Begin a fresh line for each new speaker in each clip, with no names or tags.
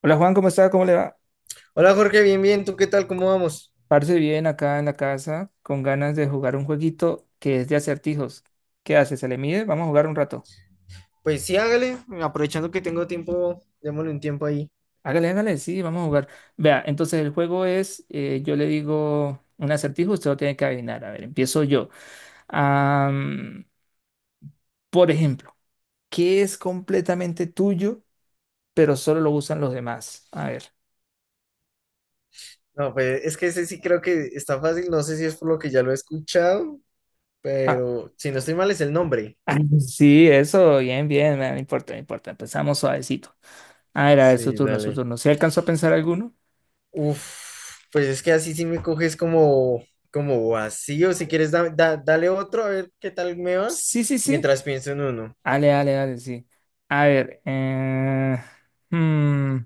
Hola Juan, ¿cómo está? ¿Cómo le va?
Hola Jorge, bien, bien, ¿tú qué tal? ¿Cómo vamos?
Parce bien acá en la casa, con ganas de jugar un jueguito que es de acertijos. ¿Qué hace? ¿Se le mide? Vamos a jugar un rato.
Pues sí, hágale, aprovechando que tengo tiempo, démosle un tiempo ahí.
Hágale, hágale, sí, vamos a jugar. Vea, entonces el juego es, yo le digo un acertijo, usted lo tiene que adivinar. A ver, empiezo yo. Am, por ejemplo, ¿qué es completamente tuyo, pero solo lo usan los demás? A ver.
No, pues es que ese sí creo que está fácil, no sé si es por lo que ya lo he escuchado,
Ah,
pero si no estoy mal es el nombre.
ah, sí, eso, bien, bien, no importa, no importa. Empezamos suavecito. A ver, su
Sí,
turno, su
dale.
turno. ¿Se alcanzó a pensar alguno?
Uf, pues es que así sí me coges como, como vacío, si quieres dale otro, a ver qué tal me va,
Sí, sí, sí.
mientras pienso en uno.
Ale, ale, ale, sí. A ver, hmm,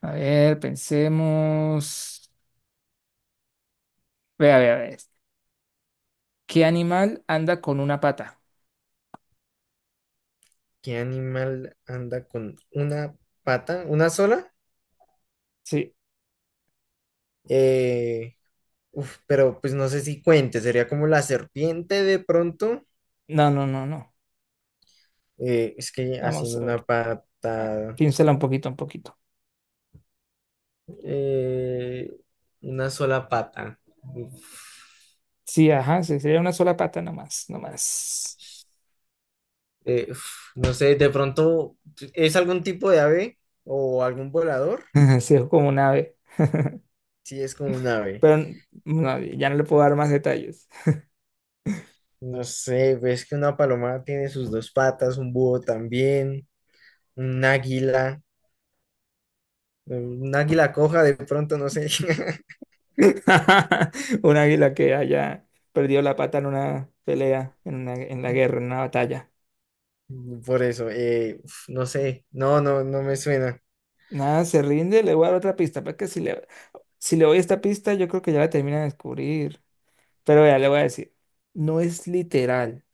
a ver, pensemos. Vea, vea, vea. ¿Qué animal anda con una pata?
¿Qué animal anda con una pata, una sola?
Sí.
Eh, Uf, pero pues no sé si cuente, sería como la serpiente de pronto.
No, no, no, no.
Es que
Vamos
haciendo
a ver.
una
Ah,
pata,
piénsela un poquito, un poquito.
eh, una sola pata. Uf,
Sí, ajá, sí, sería una sola pata nomás, nomás.
uf, no sé, de pronto, ¿es algún tipo de ave o algún volador?
Sí, es como un ave.
Sí, es como un ave.
Pero no, ya no le puedo dar más detalles.
No sé, ves que una paloma tiene sus dos patas, un búho también, un águila, un águila coja de pronto, no sé.
Un águila que haya perdido la pata en una pelea, en una, en la guerra, en una batalla.
Por eso, uf, no sé, no, no, no me suena.
Nada, se rinde, le voy a dar otra pista, porque si le, si le doy esta pista, yo creo que ya la termina de descubrir. Pero ya le voy a decir, no es literal,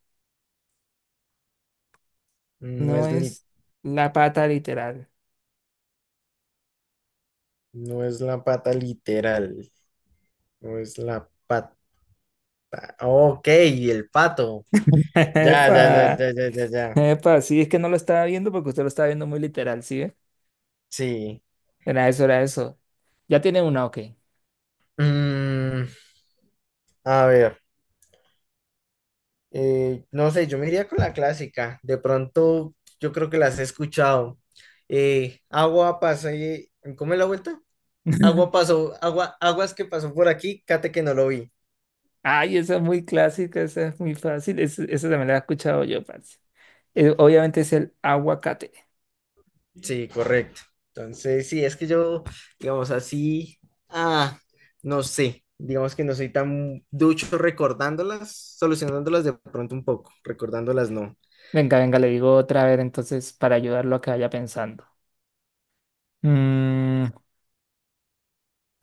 No
no
es li-
es la pata literal.
no es la pata literal, no es la pata. Ok, el pato. Ya, ya, ya,
Epa,
ya, ya, ya, ya.
epa, sí, es que no lo estaba viendo porque usted lo estaba viendo muy literal, ¿sí? ¿ve?
Sí.
Era eso, era eso. Ya tiene una, ok.
Mm, a ver, no sé, yo me iría con la clásica. De pronto, yo creo que las he escuchado. Agua pasa y... ¿Cómo es la vuelta? Agua pasó, agua, aguas que pasó por aquí, cate que no lo vi.
Ay, esa es muy clásica, esa es muy fácil, esa también la he escuchado yo, parce. Obviamente es el aguacate.
Sí, correcto. Entonces, sí, es que yo, digamos así, ah, no sé, digamos que no soy tan ducho recordándolas, solucionándolas de pronto un poco, recordándolas no.
Venga, venga, le digo otra vez entonces para ayudarlo a que vaya pensando. Mm,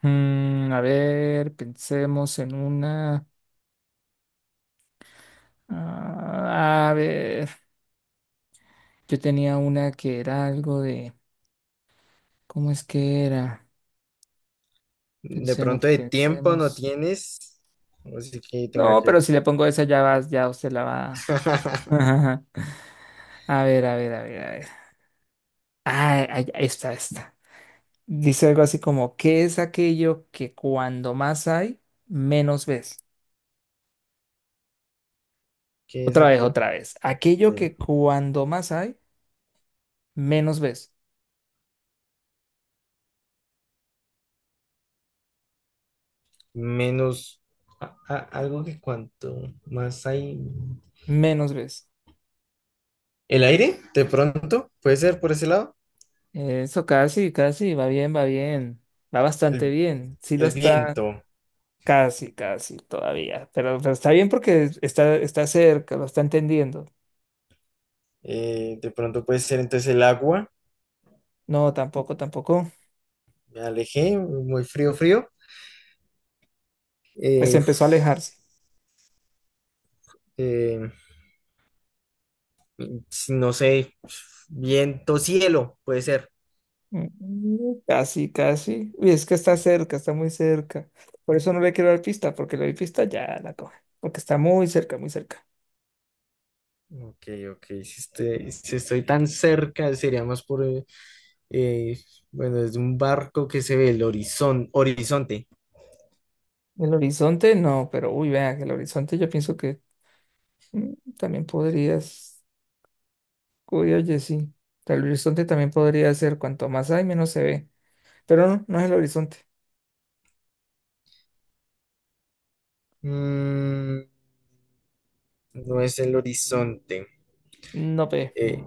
mm, a ver, pensemos en una. Ah, a ver, yo tenía una que era algo de. ¿Cómo es que era?
De
Pensemos,
pronto de tiempo no
pensemos.
tienes, así que tenga
No,
que
pero
ver.
si le pongo esa ya vas, ya usted la va. Ajá. A ver, a ver, a ver, a ver. Ah, ahí está, está. Dice algo así como, ¿qué es aquello que cuando más hay, menos ves?
¿Qué es
Otra vez,
aquello que
otra vez. Aquello
te-
que cuando más hay, menos ves,
menos algo que cuanto más hay?
menos ves.
¿El aire? De pronto, puede ser por ese lado.
Eso casi, casi, va bien, va bien, va bastante
El,
bien. Sí lo
el
está,
viento,
casi, casi todavía, pero está bien porque está, está cerca, lo está entendiendo.
de pronto puede ser entonces el agua.
No, tampoco, tampoco.
Me alejé, muy frío, frío.
Pues empezó a
Uf,
alejarse.
eh, si no sé, viento, cielo, puede ser.
Mm, casi, casi. Uy, es que está cerca, está muy cerca. Por eso no le quiero dar pista, porque le doy pista ya la coge, porque está muy cerca, muy cerca.
Ok, ok, si, si estoy tan cerca, sería más por, eh, bueno, es un barco que se ve el horizonte.
El horizonte no, pero uy, vean, el horizonte yo pienso que mm, también podrías. Uy, oye, sí. El horizonte también podría ser cuanto más hay, menos se ve. Pero no, no es el horizonte.
Mm, no es el horizonte,
No pe.
eh,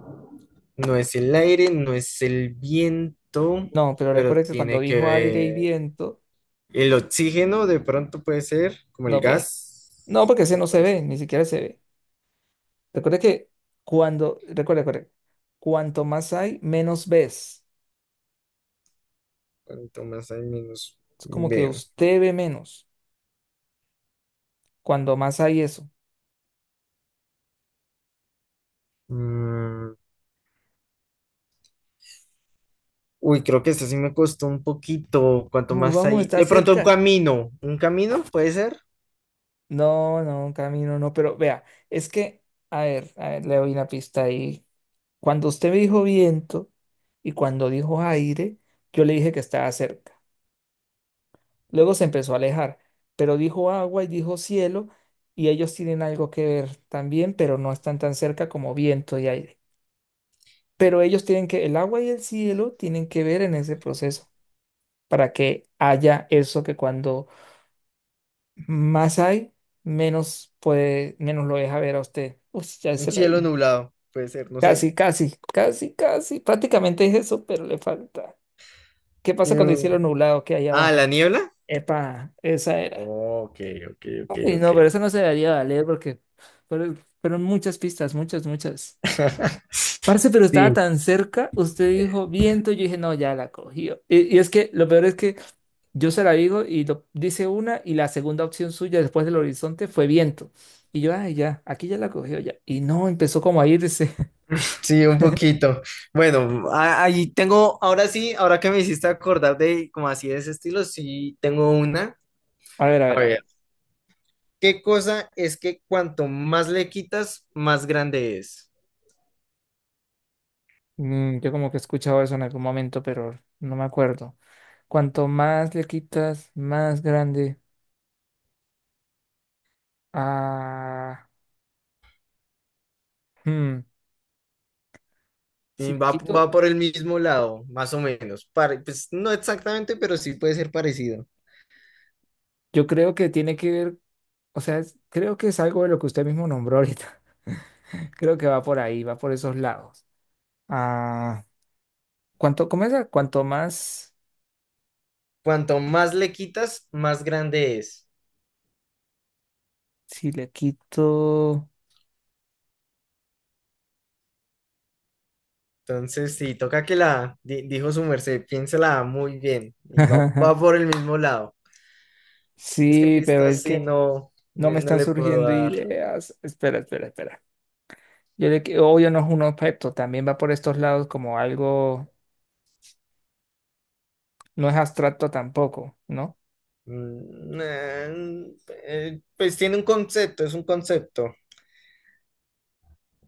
no es el aire, no es el viento,
No, pero
pero
recuerde que cuando
tiene que
dijo aire y
ver
viento,
el oxígeno, de pronto puede ser, como el
no pe. No,
gas,
porque ese
como
no se
por eso.
ve, ni siquiera se ve. Recuerde que cuando, recuerde, recuerde, cuanto más hay, menos ves.
Cuanto más hay, menos
Es como que
veo.
usted ve menos. Cuando más hay eso.
Mm, uy, creo que esta sí me costó un poquito. Cuanto más
Vamos,
hay.
está
De pronto un
cerca.
camino. ¿Un camino? ¿Puede ser?
No, no, camino, no, pero vea, es que, a ver, le doy una pista ahí. Cuando usted me dijo viento y cuando dijo aire, yo le dije que estaba cerca. Luego se empezó a alejar, pero dijo agua y dijo cielo y ellos tienen algo que ver también, pero no están tan cerca como viento y aire. Pero ellos tienen que, el agua y el cielo tienen que ver en ese proceso para que haya eso que cuando más hay, menos puede, menos lo deja ver a usted. Uy, ya
Un
se la
cielo
dije.
nublado. Puede ser, no sé.
Casi, casi, casi, casi. Prácticamente es eso, pero le falta. ¿Qué pasa cuando el
¿Qué-
cielo nublado que hay
Ah, la
abajo?
niebla.
Epa, esa era.
Ok, ok, ok,
Uy,
ok.
no, pero eso no se debería valer porque pero fueron muchas pistas, muchas, muchas. Parce, pero estaba
Sí,
tan cerca, usted dijo viento, yo dije, no, ya la cogió. Y es que lo peor es que yo se la digo y lo, dice una y la segunda opción suya después del horizonte fue viento. Y yo, ay, ya, aquí ya la cogió ya. Y no, empezó como a irse.
sí, un poquito. Bueno, ahí tengo, ahora sí, ahora que me hiciste acordar de como así de ese estilo, sí tengo una.
A ver, a
A
ver, a
ver,
ver.
¿qué cosa es que cuanto más le quitas, más grande es?
Mm, yo como que he escuchado eso en algún momento, pero no me acuerdo. Cuanto más le quitas, más grande. Ah, hmm, Si
Y
le
va,
quito,
va por el mismo lado, más o menos. Pues no exactamente, pero sí puede ser parecido.
yo creo que tiene que ver, o sea, creo que es algo de lo que usted mismo nombró ahorita. Creo que va por ahí, va por esos lados. Ah, ¿cuánto, cómo es? Cuanto más,
Cuanto más le quitas, más grande es.
si le quito.
Entonces, sí, toca que la, dijo su merced, piénsela muy bien. Y va, va por el mismo lado. Es que
Sí, pero es
pistas sí
que
no,
no me
no
están
le puedo
surgiendo
dar.
ideas. Espera, espera, espera. Yo obvio no es un objeto, también va por estos lados como algo, no es abstracto tampoco, ¿no?
Mm, pues tiene un concepto, es un concepto,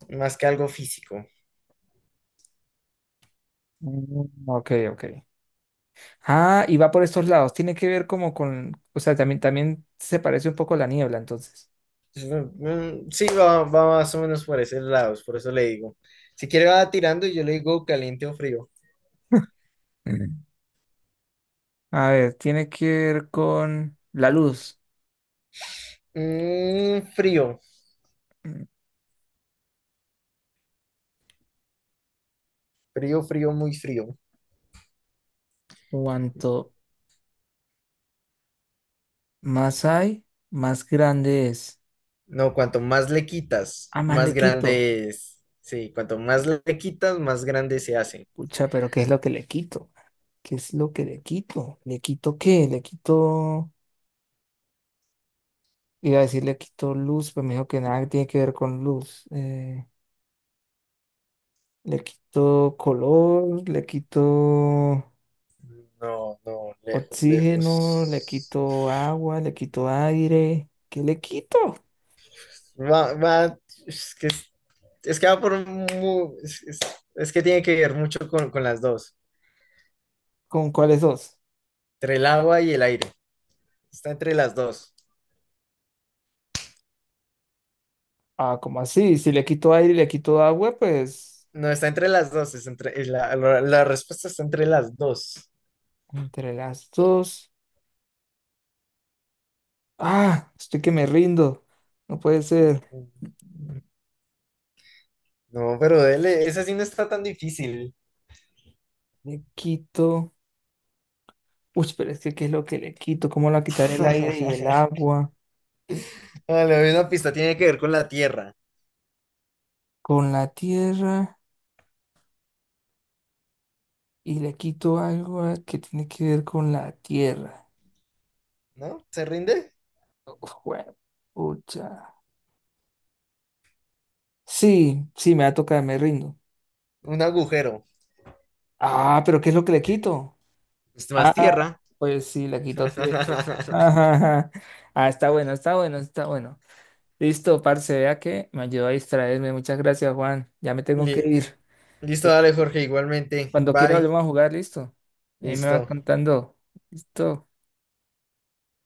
más que algo físico.
Mm, ok, ok. Ah, y va por estos lados. Tiene que ver como con, o sea, también, también se parece un poco a la niebla, entonces.
Mm, sí, va, va más o menos por esos lados, por eso le digo. Si quiere va tirando y yo le digo caliente o frío.
Mm. A ver, tiene que ver con la luz.
Mm, frío, frío, frío, muy frío.
Cuanto más hay, más grande es.
No, cuanto más le quitas,
Ah, más
más
le quito.
grande es. Sí, cuanto más le quitas, más grande se hace.
Pucha, pero ¿qué es lo que le quito? ¿Qué es lo que le quito? ¿Le quito qué? Le quito. Iba a decir le quito luz, pero me dijo que nada tiene que ver con luz. Le quito color, le quito
No, no, lejos,
oxígeno, le
lejos.
quito agua, le quito aire. ¿Qué le quito?
Va, va, es que, es que va por es, es que tiene que ver mucho con las dos,
¿Con cuáles dos?
entre el agua y el aire. Está entre las dos.
Ah, ¿cómo así? Si le quito aire y le quito agua, pues
No, está entre las dos, es entre, la, la respuesta está entre las dos.
entre las dos. Ah, estoy que me rindo. No puede ser.
No, pero dele, esa sí no está tan difícil.
Le quito. Uy, pero es que ¿qué es lo que le quito? ¿Cómo le quitaré el aire y el agua?
Vale, le doy una pista, tiene que ver con la tierra,
Con la tierra. Y le quito algo que tiene que ver con la tierra.
¿no? ¿Se rinde?
Uf, bueno, pucha. Sí, sí, me va a tocar, me rindo.
Un agujero.
Ah, pero ¿qué es lo que le quito?
Es más
Ah,
tierra.
pues sí, le quito tierra. Ajá, ajá. Ah, está bueno, está bueno, está bueno. Listo, parce, vea que me ayudó a distraerme. Muchas gracias, Juan. Ya me tengo que
Li-
ir.
Listo, dale, Jorge, igualmente.
Cuando quiera
Bye.
volvemos a jugar, listo. Ahí me va
Listo.
contando. Listo.